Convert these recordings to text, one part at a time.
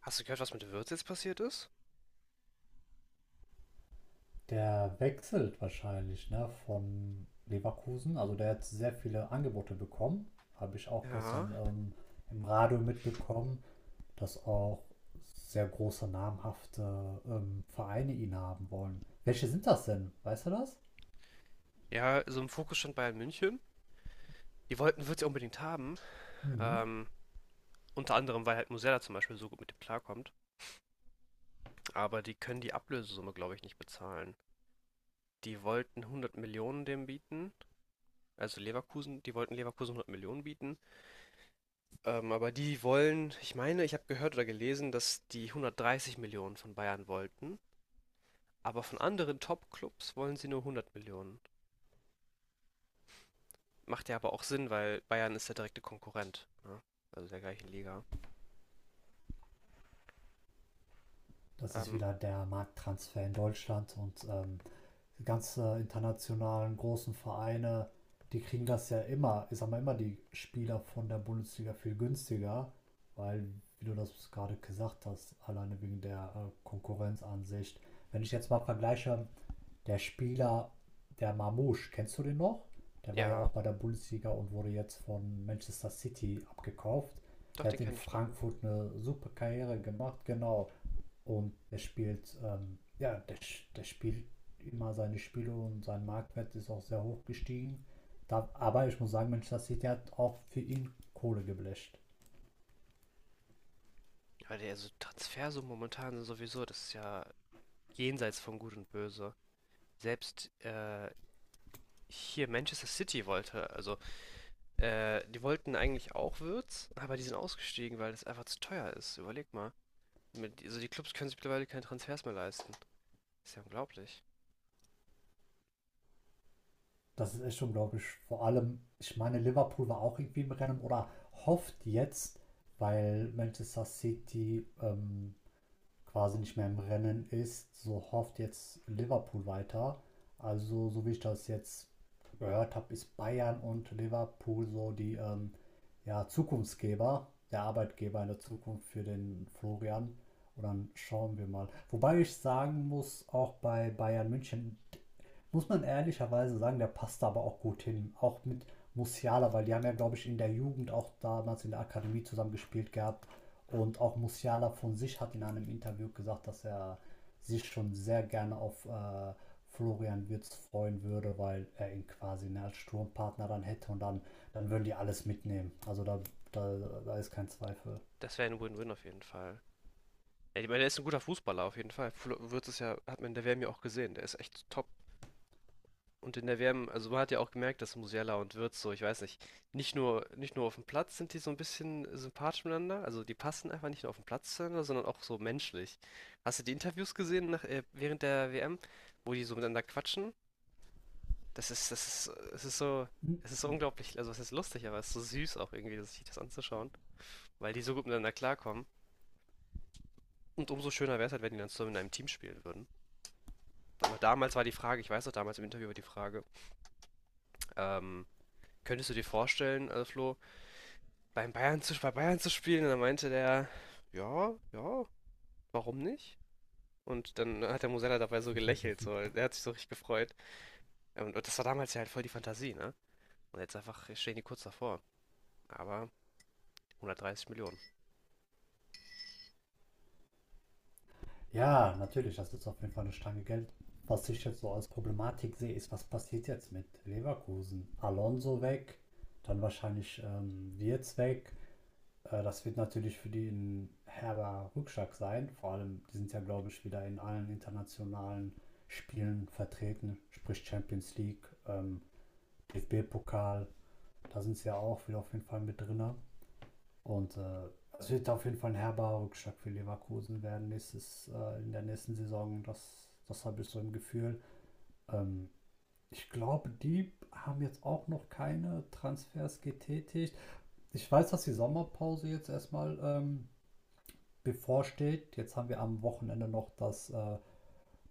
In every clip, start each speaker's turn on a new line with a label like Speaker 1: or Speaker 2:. Speaker 1: Hast du gehört, was mit Wirtz jetzt passiert ist?
Speaker 2: Der wechselt wahrscheinlich, ne, von Leverkusen. Also der hat sehr viele Angebote bekommen. Habe ich auch
Speaker 1: Ja.
Speaker 2: gestern im Radio mitbekommen, dass auch sehr große, namhafte Vereine ihn haben wollen. Welche sind das denn? Weißt du das?
Speaker 1: Ja, so im Fokus stand Bayern München. Die wollten Wirtz ja unbedingt haben.
Speaker 2: Mhm.
Speaker 1: Ähm, Unter anderem, weil halt Musella zum Beispiel so gut mit dem klarkommt. Aber die können die Ablösesumme, glaube ich, nicht bezahlen. Die wollten 100 Millionen dem bieten. Also Leverkusen, die wollten Leverkusen 100 Millionen bieten. Aber die wollen, ich meine, ich habe gehört oder gelesen, dass die 130 Millionen von Bayern wollten. Aber von anderen Top-Clubs wollen sie nur 100 Millionen. Macht ja aber auch Sinn, weil Bayern ist der direkte Konkurrent, ne? Also der gleichen Liga.
Speaker 2: Das ist
Speaker 1: Ähm,
Speaker 2: wieder der Markttransfer in Deutschland und die ganzen internationalen großen Vereine, die kriegen das ja immer, ich sag mal immer die Spieler von der Bundesliga viel günstiger, weil, wie du das gerade gesagt hast, alleine wegen der Konkurrenzansicht. Wenn ich jetzt mal vergleiche, der Spieler, der Marmoush, kennst du den noch? Der war ja
Speaker 1: ja,
Speaker 2: auch bei der Bundesliga und wurde jetzt von Manchester City abgekauft.
Speaker 1: doch,
Speaker 2: Der
Speaker 1: den
Speaker 2: hat in
Speaker 1: kenne ich noch.
Speaker 2: Frankfurt eine super Karriere gemacht, genau. Und der spielt, ja, der spielt immer seine Spiele und sein Marktwert ist auch sehr hoch gestiegen. Da, aber ich muss sagen, Manchester City hat auch für ihn Kohle geblecht.
Speaker 1: Ja, der also Transfersummen momentan sind sowieso, das ist ja jenseits von Gut und Böse. Selbst hier Manchester City wollte, also die wollten eigentlich auch Würz, aber die sind ausgestiegen, weil das einfach zu teuer ist. Überleg mal. Mit, also die Clubs können sich mittlerweile keine Transfers mehr leisten. Ist ja unglaublich.
Speaker 2: Das ist echt unglaublich. Vor allem, ich meine, Liverpool war auch irgendwie im Rennen oder hofft jetzt, weil Manchester City quasi nicht mehr im Rennen ist, so hofft jetzt Liverpool weiter. Also, so wie ich das jetzt gehört habe, ist Bayern und Liverpool so die ja, Zukunftsgeber, der Arbeitgeber in der Zukunft für den Florian. Und dann schauen wir mal. Wobei ich sagen muss, auch bei Bayern München muss man ehrlicherweise sagen, der passt da aber auch gut hin. Auch mit Musiala, weil die haben ja, glaube ich, in der Jugend auch damals in der Akademie zusammen gespielt gehabt. Und auch Musiala von sich hat in einem Interview gesagt, dass er sich schon sehr gerne auf Florian Wirtz freuen würde, weil er ihn quasi ne, als Sturmpartner dann hätte und dann würden die alles mitnehmen. Also da, da ist kein Zweifel.
Speaker 1: Das wäre ein Win-Win auf jeden Fall. Ja, ich meine, der ist ein guter Fußballer auf jeden Fall. Wirtz ist ja, hat man in der WM ja auch gesehen, der ist echt top. Und in der WM, also man hat ja auch gemerkt, dass Musiala und Wirtz so, ich weiß nicht, nicht nur auf dem Platz sind die so ein bisschen sympathisch miteinander, also die passen einfach nicht nur auf dem Platz zueinander, sondern auch so menschlich. Hast du die Interviews gesehen nach, während der WM, wo die so miteinander quatschen? Das ist, das ist, es ist so, es ist so unglaublich, also es ist lustig, aber es ist so süß auch irgendwie, sich das anzuschauen, weil die so gut miteinander klarkommen. Und umso schöner wäre es halt, wenn die dann zusammen in einem Team spielen würden. Aber damals war die Frage, ich weiß noch, damals im Interview war die Frage, ähm, könntest du dir vorstellen, Flo, bei Bayern zu spielen? Und dann meinte der, ja, warum nicht? Und dann hat der Musella dabei so gelächelt, so, der hat sich so richtig gefreut. Und das war damals ja halt voll die Fantasie, ne? Und jetzt einfach stehen die kurz davor. Aber 130 Millionen.
Speaker 2: Ja, natürlich, das ist auf jeden Fall eine Stange Geld. Was ich jetzt so als Problematik sehe, ist, was passiert jetzt mit Leverkusen? Alonso weg, dann wahrscheinlich Wirtz weg, das wird natürlich für die ein herber Rückschlag sein. Vor allem, die sind ja, glaube ich, wieder in allen internationalen Spielen vertreten, sprich Champions League, DFB-Pokal. Da sind sie ja auch wieder auf jeden Fall mit drin. Und es wird auf jeden Fall ein herber Rückschlag für Leverkusen werden nächstes, in der nächsten Saison. Das habe ich so im Gefühl. Ähm, ich glaube, die haben jetzt auch noch keine Transfers getätigt. Ich weiß, dass die Sommerpause jetzt erstmal bevorsteht. Jetzt haben wir am Wochenende noch das, äh,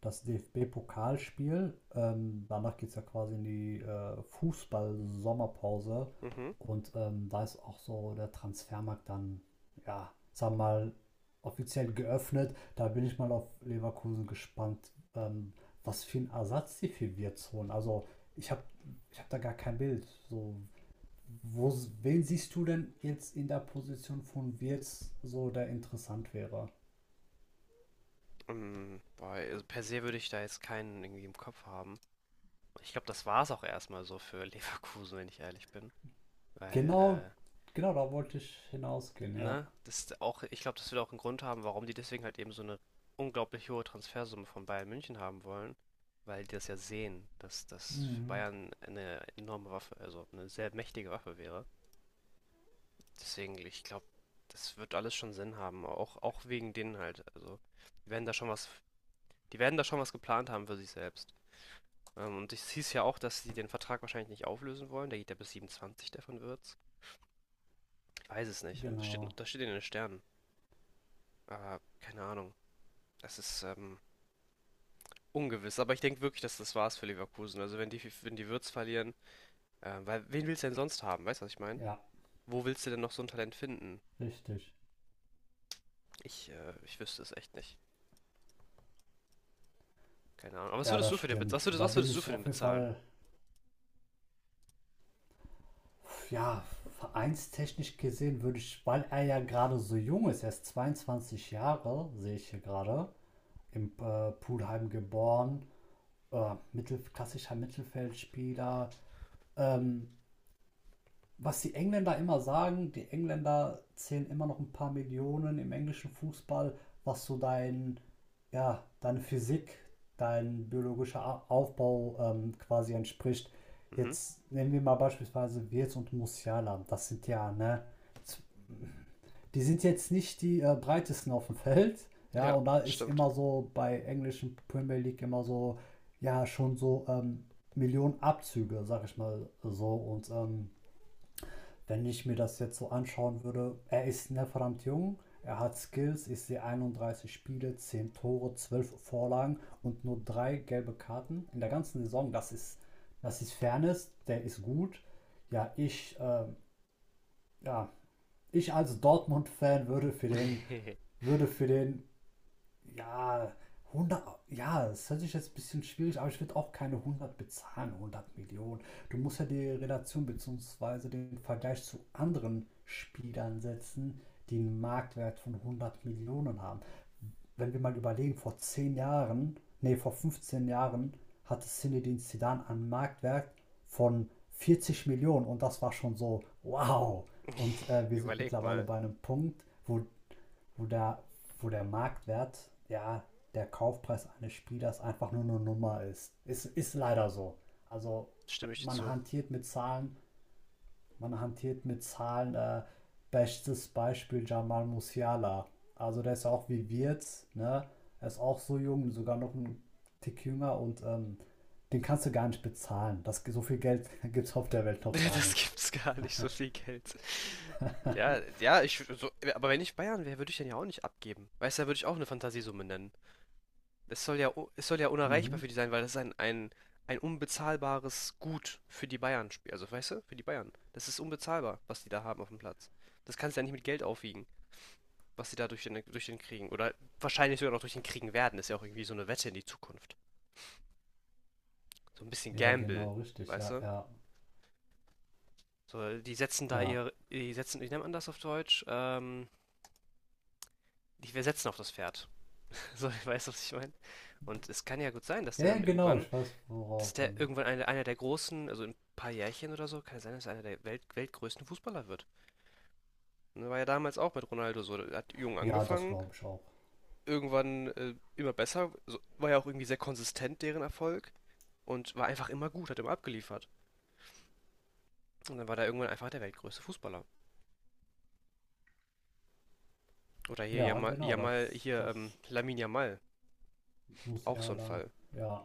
Speaker 2: das DFB-Pokalspiel. Danach geht es ja quasi in die Fußball-Sommerpause.
Speaker 1: Mhm.
Speaker 2: Und da ist auch so der Transfermarkt dann, ja, sagen wir mal, offiziell geöffnet. Da bin ich mal auf Leverkusen gespannt, was für einen Ersatz sie für Wirtz holen. Also ich habe ich hab da gar kein Bild. So, wo, wen siehst du denn jetzt in der Position von Wirtz so, der interessant wäre?
Speaker 1: Boah, also per se würde ich da jetzt keinen irgendwie im Kopf haben. Ich glaube, das war es auch erstmal so für Leverkusen, wenn ich ehrlich bin. Weil
Speaker 2: Genau, genau, da wollte ich hinausgehen, ja.
Speaker 1: ne? Das ist auch ich glaube, das wird auch 'n Grund haben, warum die deswegen halt eben so eine unglaublich hohe Transfersumme von Bayern München haben wollen, weil die das ja sehen, dass das für
Speaker 2: Mhm,
Speaker 1: Bayern eine enorme Waffe also eine sehr mächtige Waffe wäre. Deswegen, ich glaube, das wird alles schon Sinn haben, auch wegen denen halt. Also, die werden da schon was die werden da schon was geplant haben für sich selbst. Und es hieß ja auch, dass sie den Vertrag wahrscheinlich nicht auflösen wollen. Der geht ja bis 27, der von Wirtz. Ich weiß es nicht.
Speaker 2: genau,
Speaker 1: Das steht in den Sternen, aber keine Ahnung. Das ist, ähm Ungewiss, aber ich denke wirklich, dass das war's für Leverkusen. Also wenn die Wirtz verlieren, weil wen willst du denn sonst haben? Weißt du, was ich meine?
Speaker 2: ja,
Speaker 1: Wo willst du denn noch so ein Talent finden?
Speaker 2: richtig.
Speaker 1: Ich wüsste es echt nicht. Keine Ahnung. Aber was
Speaker 2: Ja,
Speaker 1: würdest
Speaker 2: das
Speaker 1: du für den bezahlen?
Speaker 2: stimmt. Und da
Speaker 1: Was
Speaker 2: bin
Speaker 1: würdest du
Speaker 2: ich
Speaker 1: für den
Speaker 2: auf jeden
Speaker 1: bezahlen?
Speaker 2: Fall, ja, vereinstechnisch gesehen würde ich, weil er ja gerade so jung ist, er ist 22 Jahre, sehe ich hier gerade, im Pulheim geboren, klassischer Mittelfeldspieler, ähm, was die Engländer immer sagen, die Engländer zählen immer noch ein paar Millionen im englischen Fußball, was so dein, ja, deine Physik, dein biologischer Aufbau quasi entspricht.
Speaker 1: Mhm.
Speaker 2: Jetzt nehmen wir mal beispielsweise Wirtz und Musiala. Das sind ja, ne, die sind jetzt nicht die breitesten auf dem Feld. Ja,
Speaker 1: Ja,
Speaker 2: und da ist
Speaker 1: stimmt.
Speaker 2: immer so bei englischen Premier League immer so, ja, schon so Millionen Abzüge, sag ich mal so. Und wenn ich mir das jetzt so anschauen würde, er ist ne, verdammt jung, er hat Skills, ich sehe 31 Spiele, 10 Tore, 12 Vorlagen und nur drei gelbe Karten in der ganzen Saison. Das ist Fairness, der ist gut. Ja, ja, ich als Dortmund-Fan würde für den, würde für den ja, 100. Ja, das hört sich jetzt ein bisschen schwierig, aber ich würde auch keine 100 bezahlen, 100 Millionen. Du musst ja die Relation bzw. den Vergleich zu anderen Spielern setzen, die einen Marktwert von 100 Millionen haben wenn wir mal überlegen, vor 10 Jahren, nee, vor 15 Jahren hatte Zinedine Zidane einen Marktwert von 40 Millionen und das war schon so, wow. Und wir sind
Speaker 1: Überleg
Speaker 2: mittlerweile
Speaker 1: mal.
Speaker 2: bei einem Punkt, wo, wo, der, wo der Marktwert, ja, der Kaufpreis eines Spielers einfach nur eine Nummer ist. Ist leider so. Also
Speaker 1: Stimme ich dir
Speaker 2: man
Speaker 1: zu.
Speaker 2: hantiert mit Zahlen, man hantiert mit Zahlen. Bestes Beispiel Jamal Musiala. Also der ist ja auch wie Wirtz, ne? Er ist auch so jung, sogar noch ein Tick jünger und den kannst du gar nicht bezahlen. Das, so viel Geld gibt es auf der Welt noch gar
Speaker 1: Das
Speaker 2: nicht.
Speaker 1: gibt's gar nicht, so viel Geld. Aber wenn ich Bayern wäre, würde ich den ja auch nicht abgeben. Weißt du, da würde ich auch eine Fantasiesumme nennen. Es soll ja unerreichbar
Speaker 2: Mhm.
Speaker 1: für die sein, weil das ist ein unbezahlbares Gut für die Bayern spielt. Also, weißt du, für die Bayern. Das ist unbezahlbar, was die da haben auf dem Platz. Das kannst du ja nicht mit Geld aufwiegen, was sie da durch den kriegen. Oder wahrscheinlich sogar noch durch den kriegen werden. Ist ja auch irgendwie so eine Wette in die Zukunft. So ein bisschen
Speaker 2: Ja,
Speaker 1: Gamble,
Speaker 2: genau, richtig.
Speaker 1: weißt
Speaker 2: Ja,
Speaker 1: du?
Speaker 2: ja,
Speaker 1: So,
Speaker 2: ja.
Speaker 1: die setzen, wie nennt man das auf Deutsch? Die wir setzen auf das Pferd. So, weißt du, was ich meine? Und es kann ja gut sein,
Speaker 2: Ja, genau, ich weiß,
Speaker 1: dass
Speaker 2: worauf du.
Speaker 1: der irgendwann einer der großen, also in ein paar Jährchen oder so, kann es sein, dass er einer der weltgrößten Fußballer wird. Ne, war ja damals auch mit Ronaldo so. Er hat jung
Speaker 2: Ja, das
Speaker 1: angefangen,
Speaker 2: glaube ich auch.
Speaker 1: irgendwann immer besser, so, war ja auch irgendwie sehr konsistent, deren Erfolg. Und war einfach immer gut, hat immer abgeliefert. Und dann war da irgendwann einfach der weltgrößte Fußballer. Oder hier
Speaker 2: Ja, genau,
Speaker 1: Yamal
Speaker 2: das,
Speaker 1: hier
Speaker 2: das
Speaker 1: Lamine Yamal, auch so ein
Speaker 2: Musiala.
Speaker 1: Fall.
Speaker 2: Ja,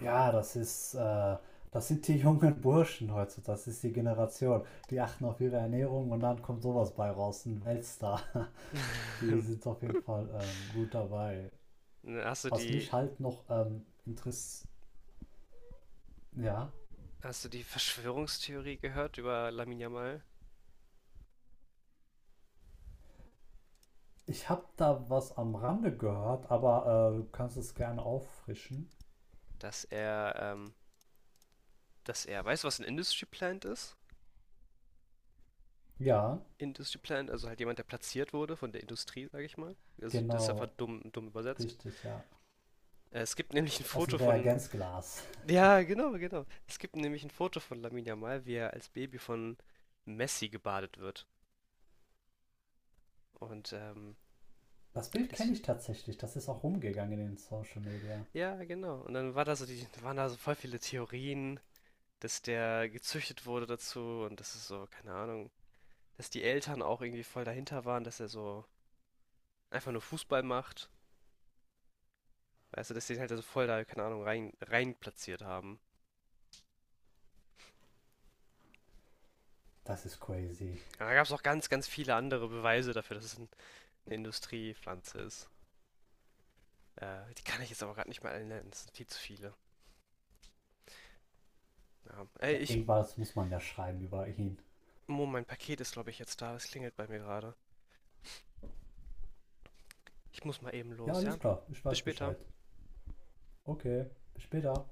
Speaker 2: ja, das sind die jungen Burschen heutzutage, das ist die Generation. Die achten auf ihre Ernährung und dann kommt sowas bei raus, ein Weltstar. Die sind auf jeden Fall gut dabei.
Speaker 1: Hast du
Speaker 2: Was mich
Speaker 1: die,
Speaker 2: halt noch interessiert, ja,
Speaker 1: hast du die Verschwörungstheorie gehört über Lamine Yamal?
Speaker 2: ich habe da was am Rande gehört, aber du kannst es gerne auffrischen.
Speaker 1: Dass er ähm, Dass er weißt du, was ein Industry Plant ist?
Speaker 2: Ja,
Speaker 1: Industry Plant, also halt jemand, der platziert wurde von der Industrie, sage ich mal. Also, das ist einfach
Speaker 2: genau,
Speaker 1: dumm übersetzt.
Speaker 2: richtig, ja.
Speaker 1: Es gibt nämlich ein
Speaker 2: Aus dem
Speaker 1: Foto von
Speaker 2: Reagenzglas.
Speaker 1: ja, genau, genau. Es gibt nämlich ein Foto von Lamine Yamal, wie er als Baby von Messi gebadet wird. Und,
Speaker 2: Das Bild
Speaker 1: das
Speaker 2: kenne ich tatsächlich, das ist auch rumgegangen in den Social Media.
Speaker 1: ja, genau. Und dann war da so die waren da so voll viele Theorien, dass der gezüchtet wurde dazu und das ist so keine Ahnung, dass die Eltern auch irgendwie voll dahinter waren, dass er so einfach nur Fußball macht. Weißt du, dass die halt also voll da, keine Ahnung, rein platziert haben.
Speaker 2: Das ist crazy.
Speaker 1: Aber da gab es auch ganz viele andere Beweise dafür, dass es ein, eine Industriepflanze ist. Die kann ich jetzt aber gerade nicht mal alle nennen, es sind viel zu viele. Ja.
Speaker 2: Ja, irgendwas muss man ja schreiben über ihn.
Speaker 1: Mo, mein Paket ist, glaube ich, jetzt da. Es klingelt bei mir gerade. Ich muss mal eben
Speaker 2: Ja,
Speaker 1: los, ja?
Speaker 2: alles klar, ich
Speaker 1: Bis
Speaker 2: weiß
Speaker 1: später.
Speaker 2: Bescheid. Okay, bis später.